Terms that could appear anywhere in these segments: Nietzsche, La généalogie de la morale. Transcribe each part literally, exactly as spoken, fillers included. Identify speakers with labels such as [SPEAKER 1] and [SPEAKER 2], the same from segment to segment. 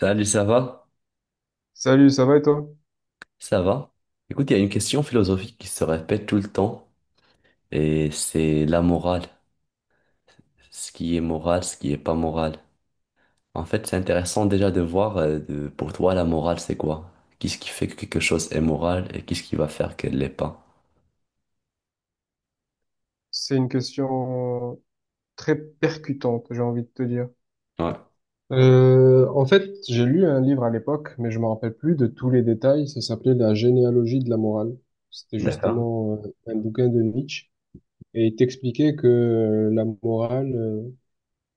[SPEAKER 1] Salut, ça va?
[SPEAKER 2] Salut, ça va et toi?
[SPEAKER 1] Ça va? Écoute, il y a une question philosophique qui se répète tout le temps, et c'est la morale. Ce qui est moral, ce qui est pas moral. En fait, c'est intéressant déjà de voir, euh, de- pour toi, la morale, c'est quoi? Qu'est-ce qui fait que quelque chose est moral et qu'est-ce qui va faire qu'elle l'est pas?
[SPEAKER 2] C'est une question très percutante, j'ai envie de te dire.
[SPEAKER 1] Ouais.
[SPEAKER 2] Euh, en fait, j'ai lu un livre à l'époque, mais je me rappelle plus de tous les détails. Ça s'appelait La généalogie de la morale. C'était
[SPEAKER 1] D'accord.
[SPEAKER 2] justement euh, un bouquin de Nietzsche. Et il t'expliquait que euh, la morale, euh,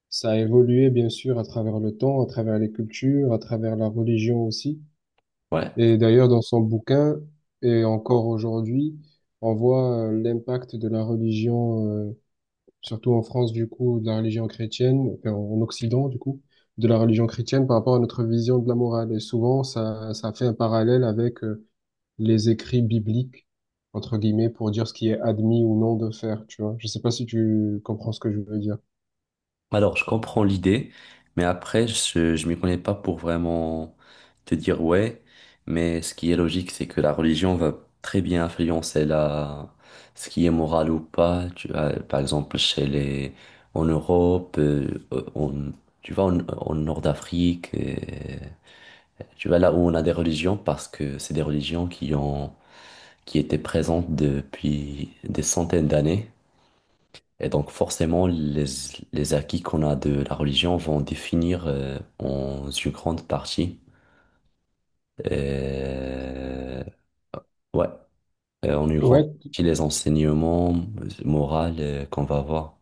[SPEAKER 2] ça a évolué bien sûr à travers le temps, à travers les cultures, à travers la religion aussi.
[SPEAKER 1] Ouais.
[SPEAKER 2] Et d'ailleurs, dans son bouquin, et encore aujourd'hui, on voit euh, l'impact de la religion. euh, surtout en France, du coup, de la religion chrétienne, enfin, en Occident, du coup, de la religion chrétienne par rapport à notre vision de la morale. Et souvent, ça, ça fait un parallèle avec euh, les écrits bibliques, entre guillemets, pour dire ce qui est admis ou non de faire, tu vois. Je sais pas si tu comprends ce que je veux dire.
[SPEAKER 1] Alors, je comprends l'idée, mais après, je, je m'y connais pas pour vraiment te dire ouais. Mais ce qui est logique, c'est que la religion va très bien influencer la, ce qui est moral ou pas. Tu vois, par exemple, chez les, en Europe, euh, euh, on, tu vois, en, en Nord d'Afrique, euh, tu vois, là où on a des religions, parce que c'est des religions qui ont, qui étaient présentes depuis des centaines d'années. Et donc forcément, les, les acquis qu'on a de la religion vont définir euh, en une grande partie, euh, ouais, euh, en une grande
[SPEAKER 2] Ouais.
[SPEAKER 1] partie les enseignements moraux euh, qu'on va avoir.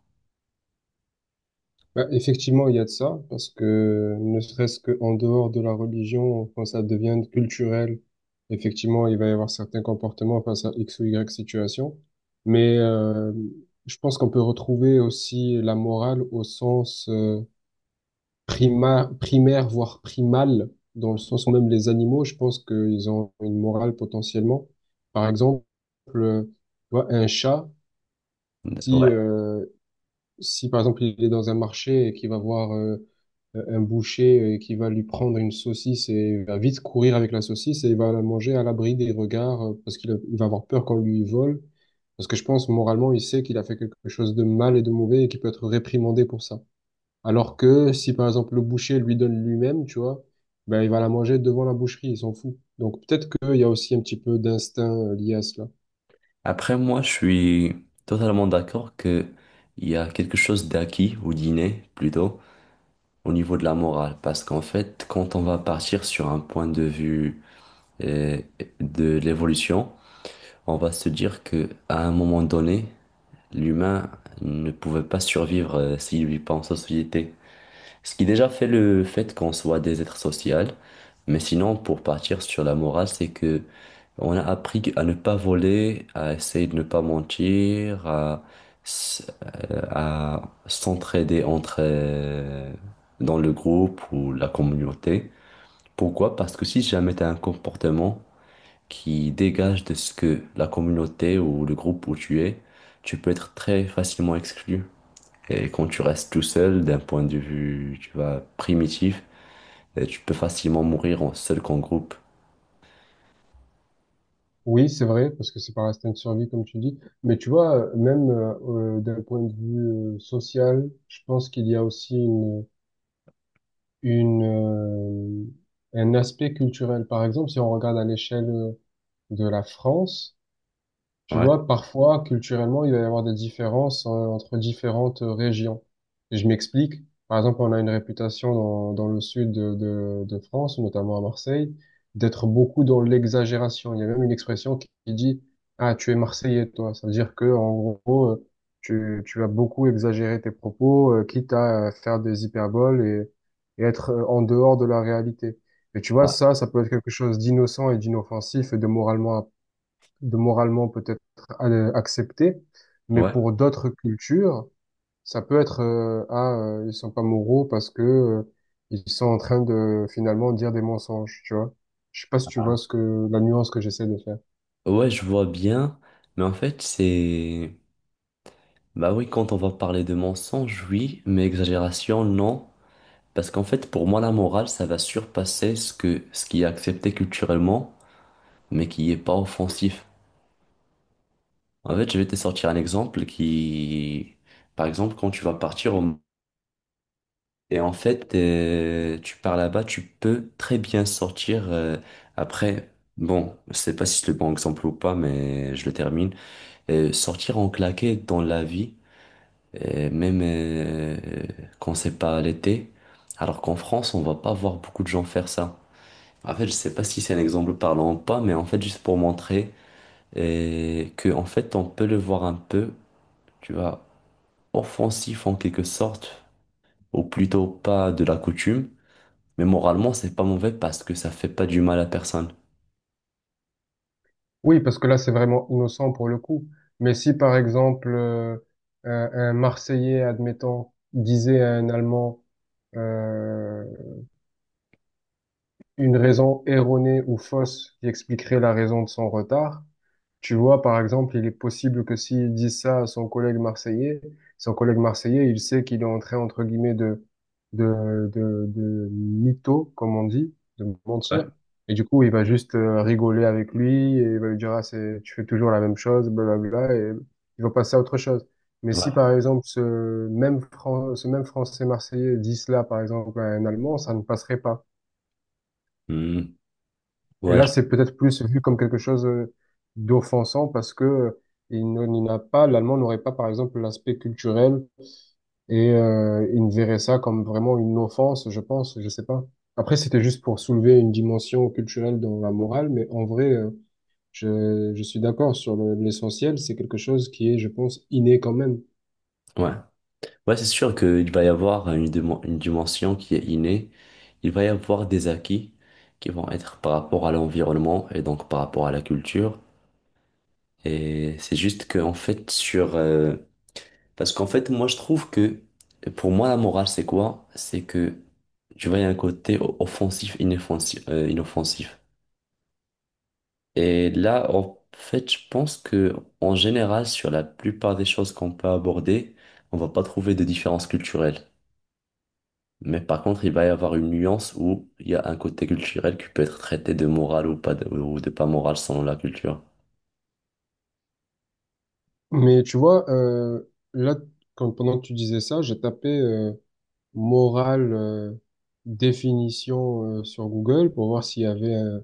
[SPEAKER 2] Bah, effectivement, il y a de ça, parce que ne serait-ce qu'en dehors de la religion, quand ça devient culturel, effectivement, il va y avoir certains comportements face à X ou Y situation. Mais euh, je pense qu'on peut retrouver aussi la morale au sens euh, prima- primaire, voire primal, dans le sens même les animaux, je pense qu'ils ont une morale potentiellement. Par exemple, euh, tu vois, un chat, si,
[SPEAKER 1] Ouais.
[SPEAKER 2] euh, si par exemple il est dans un marché et qu'il va voir... euh, euh, un boucher euh, qui va lui prendre une saucisse et va vite courir avec la saucisse et il va la manger à l'abri des regards euh, parce qu'il a- il va avoir peur qu'on lui vole. Parce que je pense, moralement, il sait qu'il a fait quelque chose de mal et de mauvais et qu'il peut être réprimandé pour ça. Alors que si, par exemple, le boucher lui donne lui-même, tu vois, ben, il va la manger devant la boucherie, il s'en fout. Donc peut-être qu'il y a aussi un petit peu d'instinct euh, lié à cela.
[SPEAKER 1] Après, moi, je suis totalement d'accord que il y a quelque chose d'acquis ou d'inné plutôt au niveau de la morale, parce qu'en fait, quand on va partir sur un point de vue euh, de l'évolution, on va se dire que à un moment donné l'humain ne pouvait pas survivre euh, s'il vit pas en société. Ce qui déjà fait le fait qu'on soit des êtres sociaux. Mais sinon, pour partir sur la morale, c'est que on a appris à ne pas voler, à essayer de ne pas mentir, à, s- euh, à s'entraider entre euh, dans le groupe ou la communauté. Pourquoi? Parce que si jamais tu as un comportement qui dégage de ce que la communauté ou le groupe où tu es, tu peux être très facilement exclu. Et quand tu restes tout seul, d'un point de vue, tu vois, primitif, eh, tu peux facilement mourir en seul qu'en groupe.
[SPEAKER 2] Oui, c'est vrai, parce que c'est par instinct de survie, comme tu dis. Mais tu vois, euh, même euh, euh, d'un point de vue euh, social, je pense qu'il y a aussi une, une, euh, un aspect culturel. Par exemple, si on regarde à l'échelle euh, de la France, tu
[SPEAKER 1] Ouais.
[SPEAKER 2] vois, parfois, culturellement, il va y avoir des différences euh, entre différentes euh, régions. Et je m'explique. Par exemple, on a une réputation dans, dans le sud de, de, de France, notamment à Marseille, d'être beaucoup dans l'exagération. Il y a même une expression qui, qui dit, ah, tu es Marseillais, toi. Ça veut dire que, en gros, euh, tu, tu vas beaucoup exagérer tes propos, euh, quitte à euh, faire des hyperboles et, et être euh, en dehors de la réalité. Et tu vois,
[SPEAKER 1] Ouais,
[SPEAKER 2] ça, ça peut être quelque chose d'innocent et d'inoffensif et de moralement de moralement peut-être euh, accepté, mais
[SPEAKER 1] ouais,
[SPEAKER 2] pour d'autres cultures, ça peut être euh, ah, euh, ils sont pas moraux parce que euh, ils sont en train de finalement dire des mensonges, tu vois. Je sais pas si tu vois ce que la nuance que j'essaie de faire.
[SPEAKER 1] ouais, je vois bien, mais en fait, c'est... Bah oui, quand on va parler de mensonge, oui, mais exagération, non. Parce qu'en fait, pour moi, la morale, ça va surpasser ce que, ce qui est accepté culturellement, mais qui n'est pas offensif. En fait, je vais te sortir un exemple qui, par exemple, quand tu vas partir au- et en fait, euh, tu pars là-bas, tu peux très bien sortir euh, après. Bon, je sais pas si c'est le bon exemple ou pas, mais je le termine. Euh, sortir en claqué dans la vie, euh, même euh, quand c'est pas l'été, alors qu'en France, on va pas voir beaucoup de gens faire ça. En fait, je sais pas si c'est un exemple parlant ou pas, mais en fait, juste pour montrer euh, que en fait, on peut le voir un peu, tu vois offensif en quelque sorte, ou plutôt pas de la coutume, mais moralement, c'est pas mauvais parce que ça fait pas du mal à personne.
[SPEAKER 2] Oui, parce que là c'est vraiment innocent pour le coup. Mais si par exemple euh, un, un Marseillais, admettons, disait à un Allemand euh, une raison erronée ou fausse qui expliquerait la raison de son retard. Tu vois, par exemple, il est possible que s'il dit ça à son collègue marseillais, son collègue marseillais, il sait qu'il est en train, entre guillemets, de, de, de, de mytho, comme on dit, de mentir. Et du coup, il va juste euh, rigoler avec lui et il va lui dire, ah, c'est, tu fais toujours la même chose, blablabla, et il va passer à autre chose. Mais
[SPEAKER 1] Ouais.
[SPEAKER 2] si, par exemple, ce même Fran- ce même Français marseillais dit cela, par exemple, à un Allemand, ça ne passerait pas.
[SPEAKER 1] Hmm.
[SPEAKER 2] Et
[SPEAKER 1] Ouais,
[SPEAKER 2] là,
[SPEAKER 1] je-
[SPEAKER 2] c'est peut-être plus vu comme quelque chose euh, d'offensant parce que euh, il n- il n'a pas, l'allemand n'aurait pas, par exemple, l'aspect culturel et euh, il ne verrait ça comme vraiment une offense, je pense, je sais pas. Après, c'était juste pour soulever une dimension culturelle dans la morale, mais en vrai, euh, je, je suis d'accord sur le- l'essentiel, c'est quelque chose qui est, je pense, inné quand même.
[SPEAKER 1] ouais. Ouais, c'est sûr qu'il va y avoir une, dimen- une dimension qui est innée. Il va y avoir des acquis qui vont être par rapport à l'environnement et donc par rapport à la culture. Et c'est juste que, en fait, sur. Euh, Parce qu'en fait, moi, je trouve que pour moi, la morale, c'est quoi? C'est que tu vois, il y a un côté o- offensif, inoffensif, euh, inoffensif. Et là, en fait, je pense que en général, sur la plupart des choses qu'on peut aborder, on va pas trouver de différence culturelle. Mais par contre, il va y avoir une nuance où il y a un côté culturel qui peut être traité de moral ou pas de, ou de pas moral selon la culture.
[SPEAKER 2] Mais tu vois, euh, là, quand, pendant que tu disais ça, j'ai tapé euh, morale, euh, définition, euh, sur Google pour voir s'il y avait un,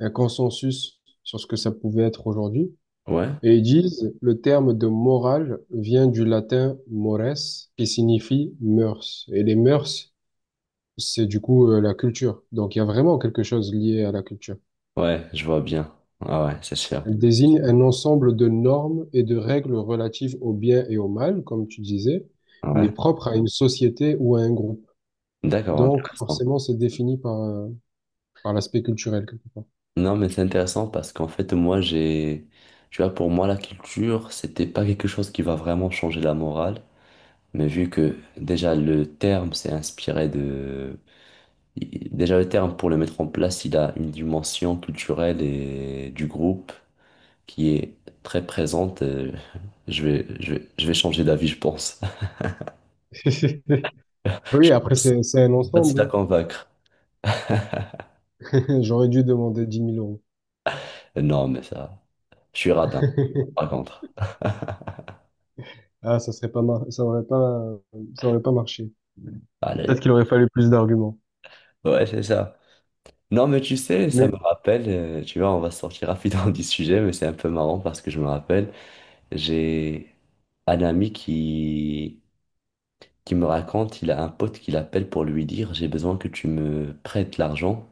[SPEAKER 2] un consensus sur ce que ça pouvait être aujourd'hui.
[SPEAKER 1] Ouais,
[SPEAKER 2] Et ils disent, le terme de morale vient du latin mores, qui signifie mœurs. Et les mœurs, c'est du coup euh, la culture. Donc il y a vraiment quelque chose lié à la culture.
[SPEAKER 1] ouais, je vois bien. Ah ouais, c'est sûr.
[SPEAKER 2] Elle désigne un ensemble de normes et de règles relatives au bien et au mal, comme tu disais, mais
[SPEAKER 1] Ouais.
[SPEAKER 2] propres à une société ou à un groupe.
[SPEAKER 1] D'accord,
[SPEAKER 2] Donc
[SPEAKER 1] intéressant.
[SPEAKER 2] forcément, c'est défini par, euh, par l'aspect culturel, quelque part.
[SPEAKER 1] Non, mais c'est intéressant parce qu'en fait, moi, j'ai, tu vois, pour moi, la culture, c'était pas quelque chose qui va vraiment changer la morale. Mais vu que déjà le terme s'est inspiré de... Déjà le terme pour le mettre en place, il a une dimension culturelle et du groupe qui est très présente. euh, Je vais, je vais, je vais changer d'avis, je pense. Je
[SPEAKER 2] Oui, après,
[SPEAKER 1] pense que
[SPEAKER 2] c'est, c'est un
[SPEAKER 1] c'est facile à
[SPEAKER 2] ensemble.
[SPEAKER 1] convaincre.
[SPEAKER 2] J'aurais dû demander dix mille euros.
[SPEAKER 1] Euh, Non, mais ça, je suis radin, par contre.
[SPEAKER 2] Ah, ça serait pas mar- ça aurait pas, ça aurait pas marché. Peut-être
[SPEAKER 1] Allez.
[SPEAKER 2] qu'il aurait fallu plus d'arguments.
[SPEAKER 1] Ouais, c'est ça. Non, mais tu sais, ça me
[SPEAKER 2] Mais
[SPEAKER 1] rappelle, euh, tu vois, on va sortir rapidement du sujet, mais c'est un peu marrant parce que je me rappelle, j'ai un ami qui qui me raconte, il a un pote qui l'appelle pour lui dire, j'ai besoin que tu me prêtes l'argent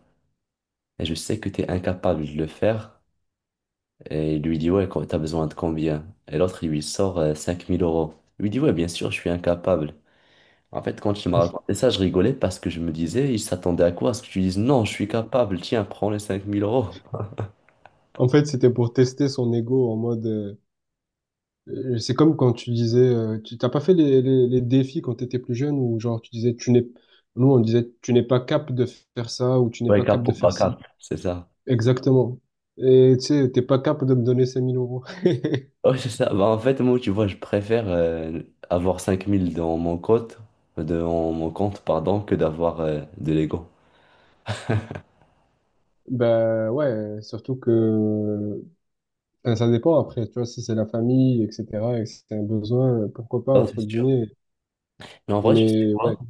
[SPEAKER 1] et je sais que tu es incapable de le faire. Et il lui dit, ouais, quand- t'as besoin de combien? Et l'autre, il lui sort euh, cinq mille euros. Il lui dit, ouais, bien sûr, je suis incapable. En fait, quand il m'a raconté ça, je rigolais parce que je me disais, il s'attendait à quoi? À ce que tu dises, non, je suis capable, tiens, prends les cinq mille euros.
[SPEAKER 2] en fait, c'était pour tester son ego en mode, euh, euh, c'est comme quand tu disais, euh, tu t'as pas fait les, les, les défis quand t'étais plus jeune ou genre tu disais, tu n'es, nous on disait, tu n'es pas capable de faire ça ou tu n'es
[SPEAKER 1] Ouais,
[SPEAKER 2] pas capable
[SPEAKER 1] cap ou
[SPEAKER 2] de
[SPEAKER 1] pas
[SPEAKER 2] faire ci.
[SPEAKER 1] cap, c'est ça.
[SPEAKER 2] Exactement. Et tu sais, t'es pas capable de me donner cinq mille euros.
[SPEAKER 1] Ouais, c'est ça. Bah, en fait, moi, tu vois, je préfère euh, avoir cinq mille dans mon compte, euh, dans mon compte, pardon, que d'avoir euh, de l'ego.
[SPEAKER 2] Ben ouais, surtout que ben, ça dépend après, tu vois, si c'est la famille, et cetera, et que c'est un besoin, pourquoi pas,
[SPEAKER 1] Non, c'est
[SPEAKER 2] entre
[SPEAKER 1] sûr.
[SPEAKER 2] guillemets.
[SPEAKER 1] Mais en vrai, je sais
[SPEAKER 2] Mais ouais,
[SPEAKER 1] quoi?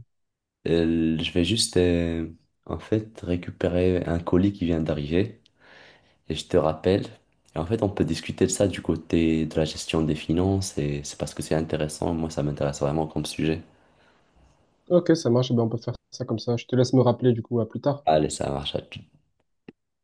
[SPEAKER 1] Euh, je vais juste, euh, en fait, récupérer un colis qui vient d'arriver et je te rappelle. Et en fait, on peut discuter de ça du côté de la gestion des finances et c'est parce que c'est intéressant. Moi, ça m'intéresse vraiment comme sujet.
[SPEAKER 2] ok, ça marche, ben on peut faire ça comme ça. Je te laisse me rappeler du coup, à plus tard.
[SPEAKER 1] Allez, ça marche à tout.